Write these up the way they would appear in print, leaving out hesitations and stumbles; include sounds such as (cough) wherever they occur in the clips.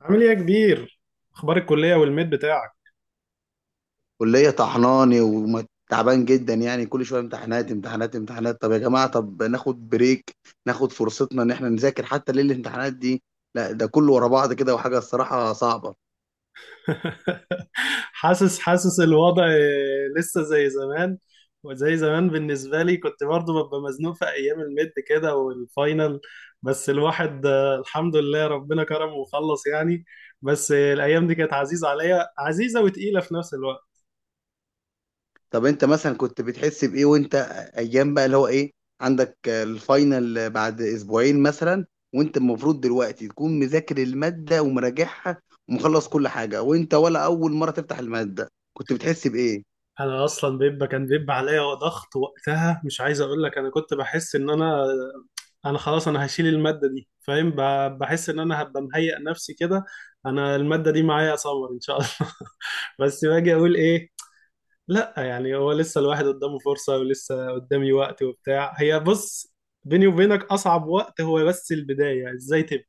عامل ايه يا كبير؟ اخبار الكليه والميد بتاعك؟ كلية طحناني وتعبان جدا، يعني كل شوية امتحانات امتحانات امتحانات. طب يا جماعة، طب ناخد بريك، ناخد فرصتنا ان احنا نذاكر حتى ليل الامتحانات دي. لا ده كله ورا بعض كده، وحاجة الصراحة صعبة. (laughs) حاسس الوضع. لسه زي زمان، وزي زمان بالنسبه لي كنت برضو ببقى مزنوق في ايام الميد كده والفاينل. بس الواحد الحمد لله ربنا كرمه وخلص يعني. بس الايام دي كانت عزيزه عليا، عزيزه وتقيله في نفس الوقت. طب انت مثلا كنت بتحس بإيه وانت، ايام بقى اللي هو ايه، عندك الفاينل بعد اسبوعين مثلا، وانت المفروض دلوقتي تكون مذاكر المادة ومراجعها ومخلص كل حاجة، وانت ولا اول مرة تفتح المادة، كنت بتحس بإيه؟ انا اصلا كان بيبقى عليا ضغط وقتها. مش عايز اقول لك انا كنت بحس ان انا خلاص انا هشيل الماده دي، فاهم، بحس ان انا هبقى مهيئ نفسي كده. انا الماده دي معايا سمر ان شاء الله. (laughs) بس باجي اقول ايه؟ لا يعني هو لسه الواحد قدامه فرصه، ولسه قدامي وقت وبتاع. هي بص، بيني وبينك اصعب وقت هو بس البدايه، ازاي تبدا.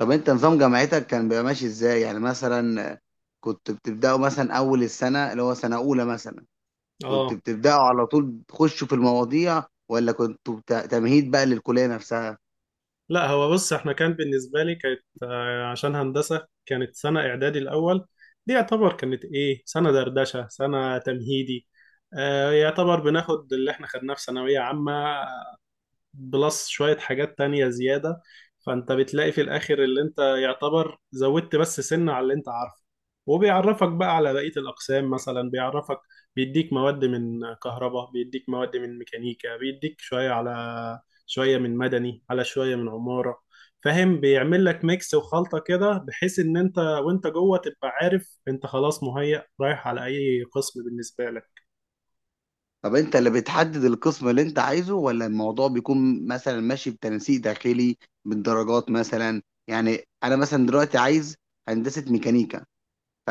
طب انت نظام جامعتك كان بيبقى ماشي ازاي يعني مثلا؟ كنت بتبداوا مثلا اول السنه اللي هو سنه اولى مثلا، كنت اه. بتبداوا على طول تخشوا في المواضيع، ولا كنتوا تمهيد بقى للكليه نفسها؟ لا هو بص، احنا بالنسبة لي كانت عشان هندسة كانت سنة إعدادي الأول. دي يعتبر كانت إيه، سنة دردشة، سنة تمهيدي. يعتبر بناخد اللي احنا خدناه في ثانوية عامة بلس شوية حاجات تانية زيادة. فأنت بتلاقي في الآخر اللي أنت يعتبر زودت بس سنة على اللي أنت عارفه. وبيعرفك بقى على بقية الأقسام، مثلا بيعرفك، بيديك مواد من كهرباء، بيديك مواد من ميكانيكا، بيديك شوية من مدني، على شوية من عمارة. فاهم؟ بيعمل لك ميكس وخلطة كده، بحيث إن أنت وأنت جوه تبقى عارف أنت خلاص مهيأ رايح على أي قسم بالنسبة لك. طب انت اللي بتحدد القسم اللي انت عايزه، ولا الموضوع بيكون مثلا ماشي بتنسيق داخلي بالدرجات مثلا؟ يعني انا مثلا دلوقتي عايز هندسه ميكانيكا،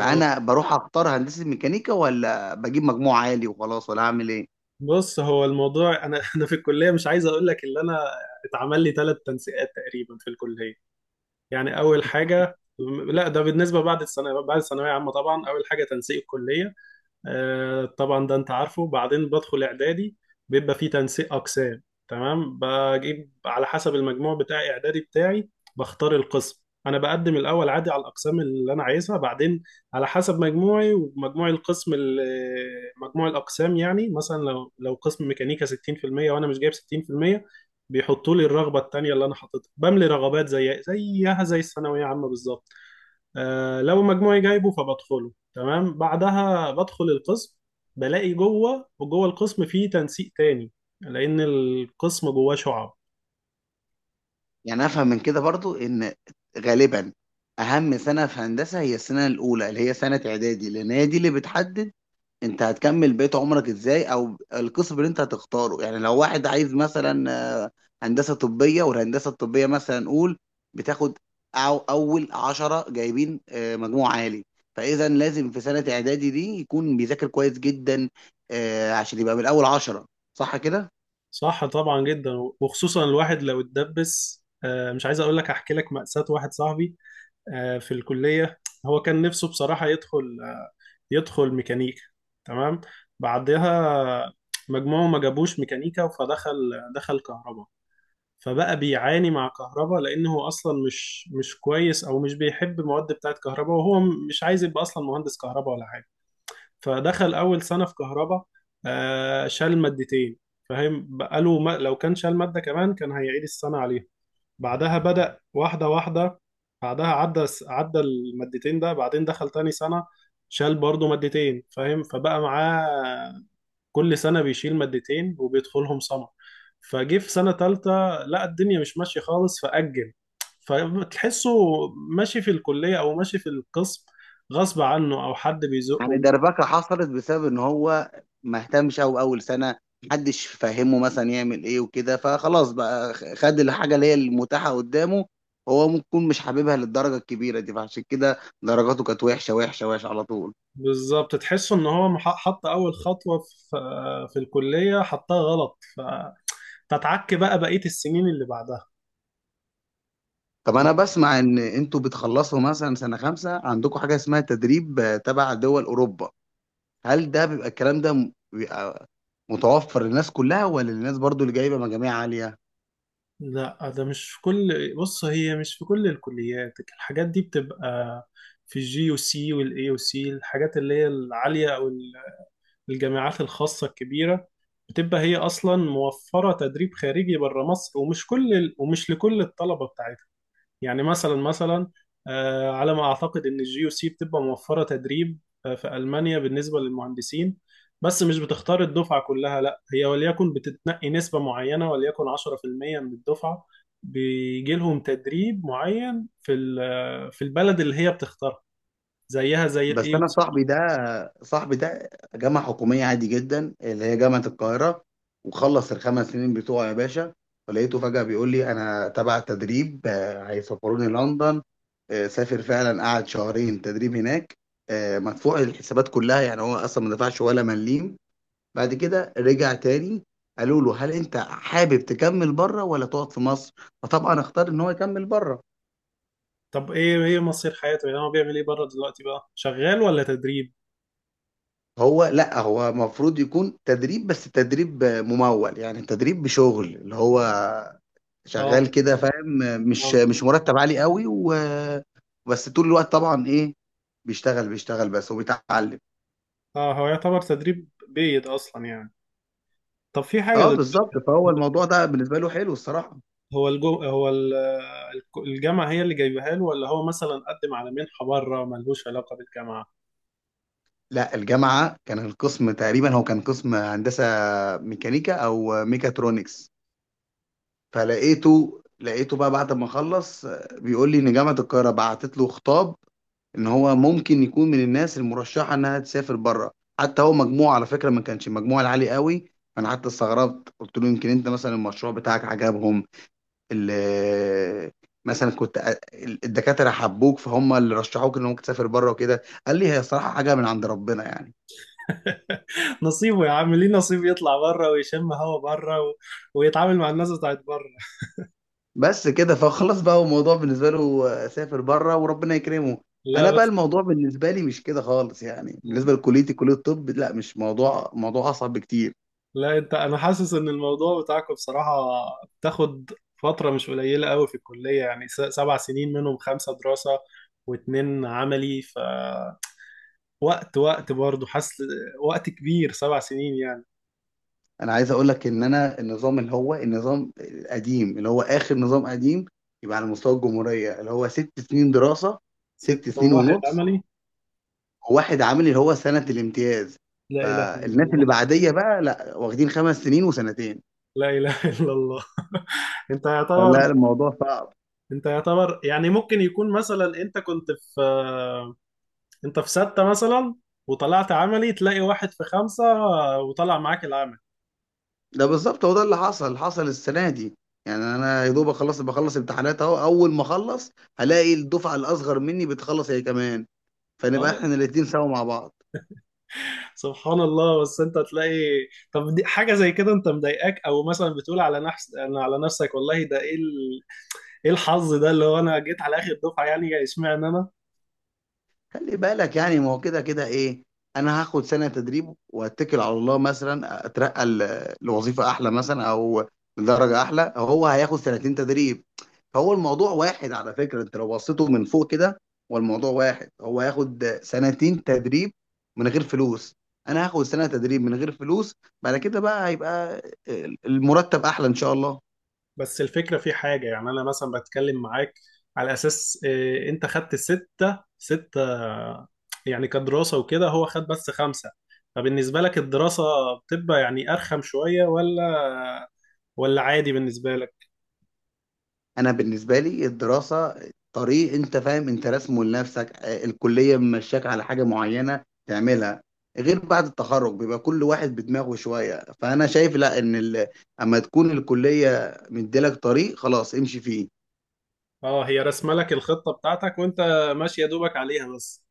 آه. بروح اختار هندسه ميكانيكا، ولا بجيب مجموع عالي وخلاص، ولا اعمل ايه؟ بص، هو الموضوع، انا (laughs) انا في الكليه مش عايز اقول لك اللي انا اتعمل لي ثلاث تنسيقات تقريبا في الكليه. يعني اول حاجه، لا ده بالنسبه بعد الثانويه عامه طبعا اول حاجه تنسيق الكليه. طبعا ده انت عارفه. بعدين بدخل اعدادي، بيبقى فيه تنسيق اقسام. تمام، بجيب على حسب المجموع بتاع اعدادي بتاعي، بختار القسم. انا بقدم الاول عادي على الاقسام اللي انا عايزها، بعدين على حسب مجموعي ومجموع القسم مجموع الاقسام. يعني مثلا لو قسم ميكانيكا 60% وانا مش جايب 60%، بيحطوا لي الرغبه التانيه اللي انا حاططها. بملي رغبات زي زيها زي الثانويه عامه بالظبط. لو مجموعي جايبه فبدخله. تمام. بعدها بدخل القسم، بلاقي وجوه القسم فيه تنسيق تاني، لأن القسم جواه شعب. يعني افهم من كده برضو ان غالبا اهم سنه في هندسه هي السنه الاولى اللي هي سنه اعدادي، لان هي دي اللي بتحدد انت هتكمل بقيت عمرك ازاي، او القسم اللي انت هتختاره. يعني لو واحد عايز مثلا آه، هندسه طبيه، والهندسه الطبيه مثلا نقول بتاخد أو اول 10 جايبين مجموع عالي. فاذا لازم في سنه اعدادي دي يكون بيذاكر كويس جدا عشان يبقى من اول 10، صح كده؟ صح، طبعا جدا. وخصوصا الواحد لو اتدبس. مش عايز اقول لك، احكي لك مأساة واحد صاحبي في الكلية. هو كان نفسه بصراحة يدخل يدخل ميكانيكا، تمام. بعدها مجموعه ما جابوش ميكانيكا، فدخل كهرباء. فبقى بيعاني مع كهربا، لان هو اصلا مش كويس، او مش بيحب المواد بتاعت كهربا، وهو مش عايز يبقى اصلا مهندس كهربا ولا حاجه. فدخل اول سنه في كهربا، شال مادتين، فاهم؟ بقاله ما، لو كان شال ماده كمان كان هيعيد السنه عليها. بعدها بدأ واحده واحده، بعدها عدى عدى المادتين ده. بعدين دخل تاني سنه، شال برضه مادتين، فاهم؟ فبقى معاه كل سنة بيشيل مادتين وبيدخلهم سمر. فجه في سنة تالتة، لا الدنيا مش ماشية خالص، فأجل. فتحسه ماشي في الكلية، أو ماشي في القسم غصب عنه، أو حد يعني بيزقه. دربكة حصلت بسبب ان هو ما اهتمش، او اول سنة محدش فهمه مثلا يعمل ايه وكده، فخلاص بقى خد الحاجة اللي هي المتاحة قدامه. هو ممكن يكون مش حاببها للدرجة الكبيرة دي، فعشان كده درجاته كانت وحشة وحشة وحشة على طول. بالظبط، تحسه إن هو حط أول خطوة في في الكلية حطها غلط، فتتعك بقى بقية السنين اللي بعدها. طب انا بسمع ان انتوا بتخلصوا مثلا سنة خمسة عندكم حاجة اسمها تدريب تبع دول اوروبا. هل ده بيبقى الكلام ده بيبقى متوفر للناس كلها، ولا للناس برضو اللي جايبة مجاميع عالية؟ لا ده مش في كل بص، هي مش في كل الكليات الحاجات دي. بتبقى في الجي يو سي والاي يو سي الحاجات اللي هي العالية، أو الجامعات الخاصة الكبيرة. بتبقى هي أصلا موفرة تدريب خارجي بره مصر، ومش لكل الطلبة بتاعتها. يعني مثلا، مثلا على ما أعتقد إن الجي يو سي بتبقى موفرة تدريب في ألمانيا بالنسبة للمهندسين. بس مش بتختار الدفعة كلها، لا هي وليكن بتتنقي نسبة معينة، وليكن 10% من الدفعة. بيجي لهم تدريب معين في في البلد اللي هي بتختارها، زيها زي بس الاي. انا صاحبي ده جامعه حكوميه عادي جدا اللي هي جامعه القاهره، وخلص ال 5 سنين بتوعه يا باشا. فلقيته فجاه بيقول لي انا تبع تدريب هيسافروني لندن. سافر فعلا، قعد شهرين تدريب هناك، مدفوع الحسابات كلها، يعني هو اصلا ما دفعش ولا مليم. بعد كده رجع تاني، قالوا له هل انت حابب تكمل بره ولا تقعد في مصر، فطبعا اختار ان هو يكمل بره. طب ايه، مصير حياته؟ يعني هو بيعمل ايه بره دلوقتي؟ بقى شغال ولا تدريب؟ هو لا، هو المفروض يكون تدريب، بس تدريب ممول يعني تدريب بشغل اللي هو اه. شغال كده، فاهم؟ مش آه. مش مرتب عالي قوي، و بس طول الوقت طبعا ايه، بيشتغل بس وبيتعلم. اه، هو يعتبر تدريب بيد اصلا يعني. طب في حاجه اه دلوقتي، بالظبط، فهو هو الموضوع ده بالنسبه له حلو الصراحه. هو الجو، الجامعه هي اللي جايبها له، ولا هو مثلا قدم على منحه بره ملهوش علاقه بالجامعه؟ لا الجامعه، كان القسم تقريبا، هو كان قسم هندسه ميكانيكا او ميكاترونكس. فلقيته بقى بعد ما خلص بيقول لي ان جامعه القاهره بعتت له خطاب ان هو ممكن يكون من الناس المرشحه انها تسافر بره. حتى هو مجموع على فكره ما كانش مجموع العالي قوي. انا حتى استغربت قلت له يمكن انت مثلا المشروع بتاعك عجبهم، ال- مثلا الدكاتره حبوك فهم اللي رشحوك ان ممكن تسافر بره وكده. قال لي هي صراحه حاجه من عند ربنا يعني. (laughs) نصيبه يا عم، ليه؟ نصيب يطلع بره ويشم هوا بره ويتعامل مع الناس بتاعت بره. بس كده، فخلاص بقى هو الموضوع بالنسبه له سافر بره وربنا يكرمه. لا انا بقى بس الموضوع بالنسبه لي مش كده خالص يعني، بالنسبه لكليتي كليه الطب، لا، مش موضوع، موضوع اصعب بكتير. لا انت انا حاسس ان الموضوع بتاعكم بصراحة بتاخد فترة مش قليلة قوي في الكلية. يعني 7 سنين، منهم 5 دراسة و2 عملي. وقت، برضه حاسس وقت كبير، 7 سنين يعني. انا عايز اقول لك ان انا النظام اللي هو النظام القديم اللي هو اخر نظام قديم يبقى على مستوى الجمهوريه، اللي هو 6 سنين دراسه، ست 6 سنين وواحد ونص عملي. وواحد عامل اللي هو سنه الامتياز. لا إله إلا فالناس الله. اللي بعديه بقى لا، واخدين 5 سنين وسنتين، لا إله إلا الله. (laughs) انت فلا يعتبر، الموضوع صعب. يعني ممكن يكون مثلا في انت في ستة مثلا، وطلعت عملي، تلاقي واحد في 5 وطلع معاك العمل. ده بالظبط هو ده اللي حصل، حصل السنه دي. يعني انا يا دوب اخلص، بخلص امتحانات اهو، اول ما اخلص هلاقي الدفعه الاصغر مني بتخلص هي كمان، لا. فنبقى احنا الاثنين سوا مع بعض. سبحان الله. بس انت تلاقي، طب دي حاجه زي كده انت مضايقاك؟ او مثلا بتقول على نفسك، والله ده ايه ايه الحظ ده اللي هو انا جيت على اخر دفعه؟ يعني اشمعنى انا؟ خلي بالك يعني، ما هو كده كده ايه، انا هاخد سنه تدريب واتكل على الله مثلا اترقى لوظيفه احلى مثلا، او لدرجه احلى، هو هياخد سنتين تدريب. فهو الموضوع واحد، على فكره انت لو بصيته من فوق كده، هو الموضوع واحد، هو هياخد سنتين تدريب من غير فلوس، انا هاخد سنه تدريب من غير فلوس، بعد كده بقى هيبقى المرتب احلى ان شاء الله. بس الفكره في حاجه، يعني انا مثلا بتكلم معاك على اساس انت خدت ستة، يعني كدراسه وكده، هو خد بس 5. فبالنسبه لك الدراسه بتبقى يعني ارخم شويه، ولا عادي بالنسبه لك؟ انا بالنسبه لي الدراسه طريق انت فاهم انت راسمه لنفسك، الكليه ممشاك على حاجه معينه تعملها، غير بعد التخرج بيبقى كل واحد بدماغه شويه. فانا شايف لا ان اما تكون الكليه مديلك طريق خلاص امشي فيه. اه، هي رسمه لك الخطه بتاعتك وانت ماشي يا دوبك عليها بس.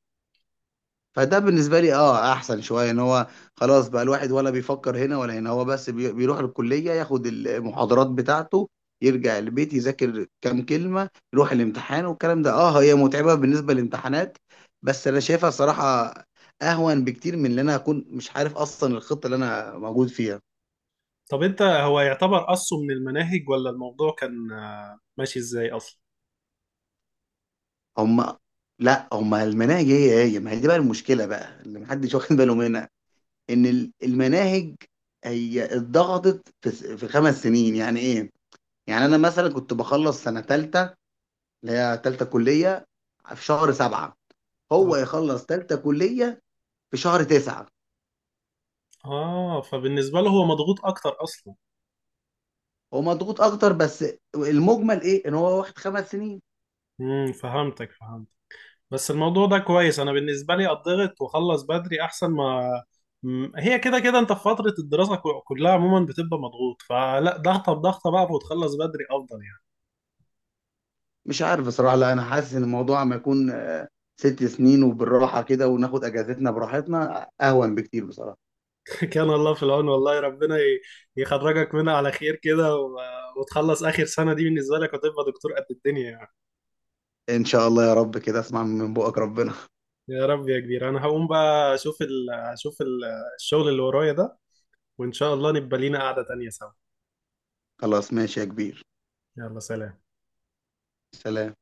فده بالنسبه لي اه احسن شويه ان هو خلاص بقى الواحد ولا بيفكر هنا ولا هنا، هو بس بيروح الكليه ياخد المحاضرات بتاعته، يرجع البيت يذاكر كام كلمه، يروح الامتحان، والكلام ده اه هي متعبه بالنسبه للامتحانات، بس انا شايفها صراحه اهون بكتير من اللي انا هكون مش عارف اصلا الخطه اللي انا موجود فيها. طب انت هو يعتبر قصه من المناهج، ولا الموضوع كان ماشي ازاي اصلا؟ هم لا، هم المناهج هي هي، ما هي دي بقى المشكله بقى اللي محدش واخد باله منها، ان المناهج هي اتضغطت في 5 سنين يعني ايه؟ يعني انا مثلا كنت بخلص سنه ثالثه اللي هي ثالثه كليه في شهر 7، هو اه، يخلص ثالثه كليه في شهر 9. فبالنسبه له هو مضغوط اكتر اصلا. هو مضغوط اكتر، بس المجمل ايه ان هو واخد 5 سنين. فهمت. بس الموضوع ده كويس، انا بالنسبه لي اضغط واخلص بدري احسن ما هي كده كده انت في فتره الدراسه كلها عموما بتبقى مضغوط، فلا ضغطه بضغطه بقى وتخلص بدري افضل يعني. مش عارف بصراحه، لا انا حاسس ان الموضوع ما يكون 6 سنين وبالراحه كده وناخد اجازتنا براحتنا اهون بكتير بصراحه. (laughs) كان الله في العون. والله ربنا يخرجك منها على خير كده وتخلص اخر سنه دي بالنسبه لك وتبقى دكتور قد الدنيا يعني. ان شاء الله يا رب، كده اسمع من بقك ربنا. يا رب يا كبير. انا هقوم بقى، اشوف الشغل اللي ورايا ده، وان شاء الله نبقى لينا قعدة تانية سوا. خلاص ماشي يا كبير، يلا سلام. سلام.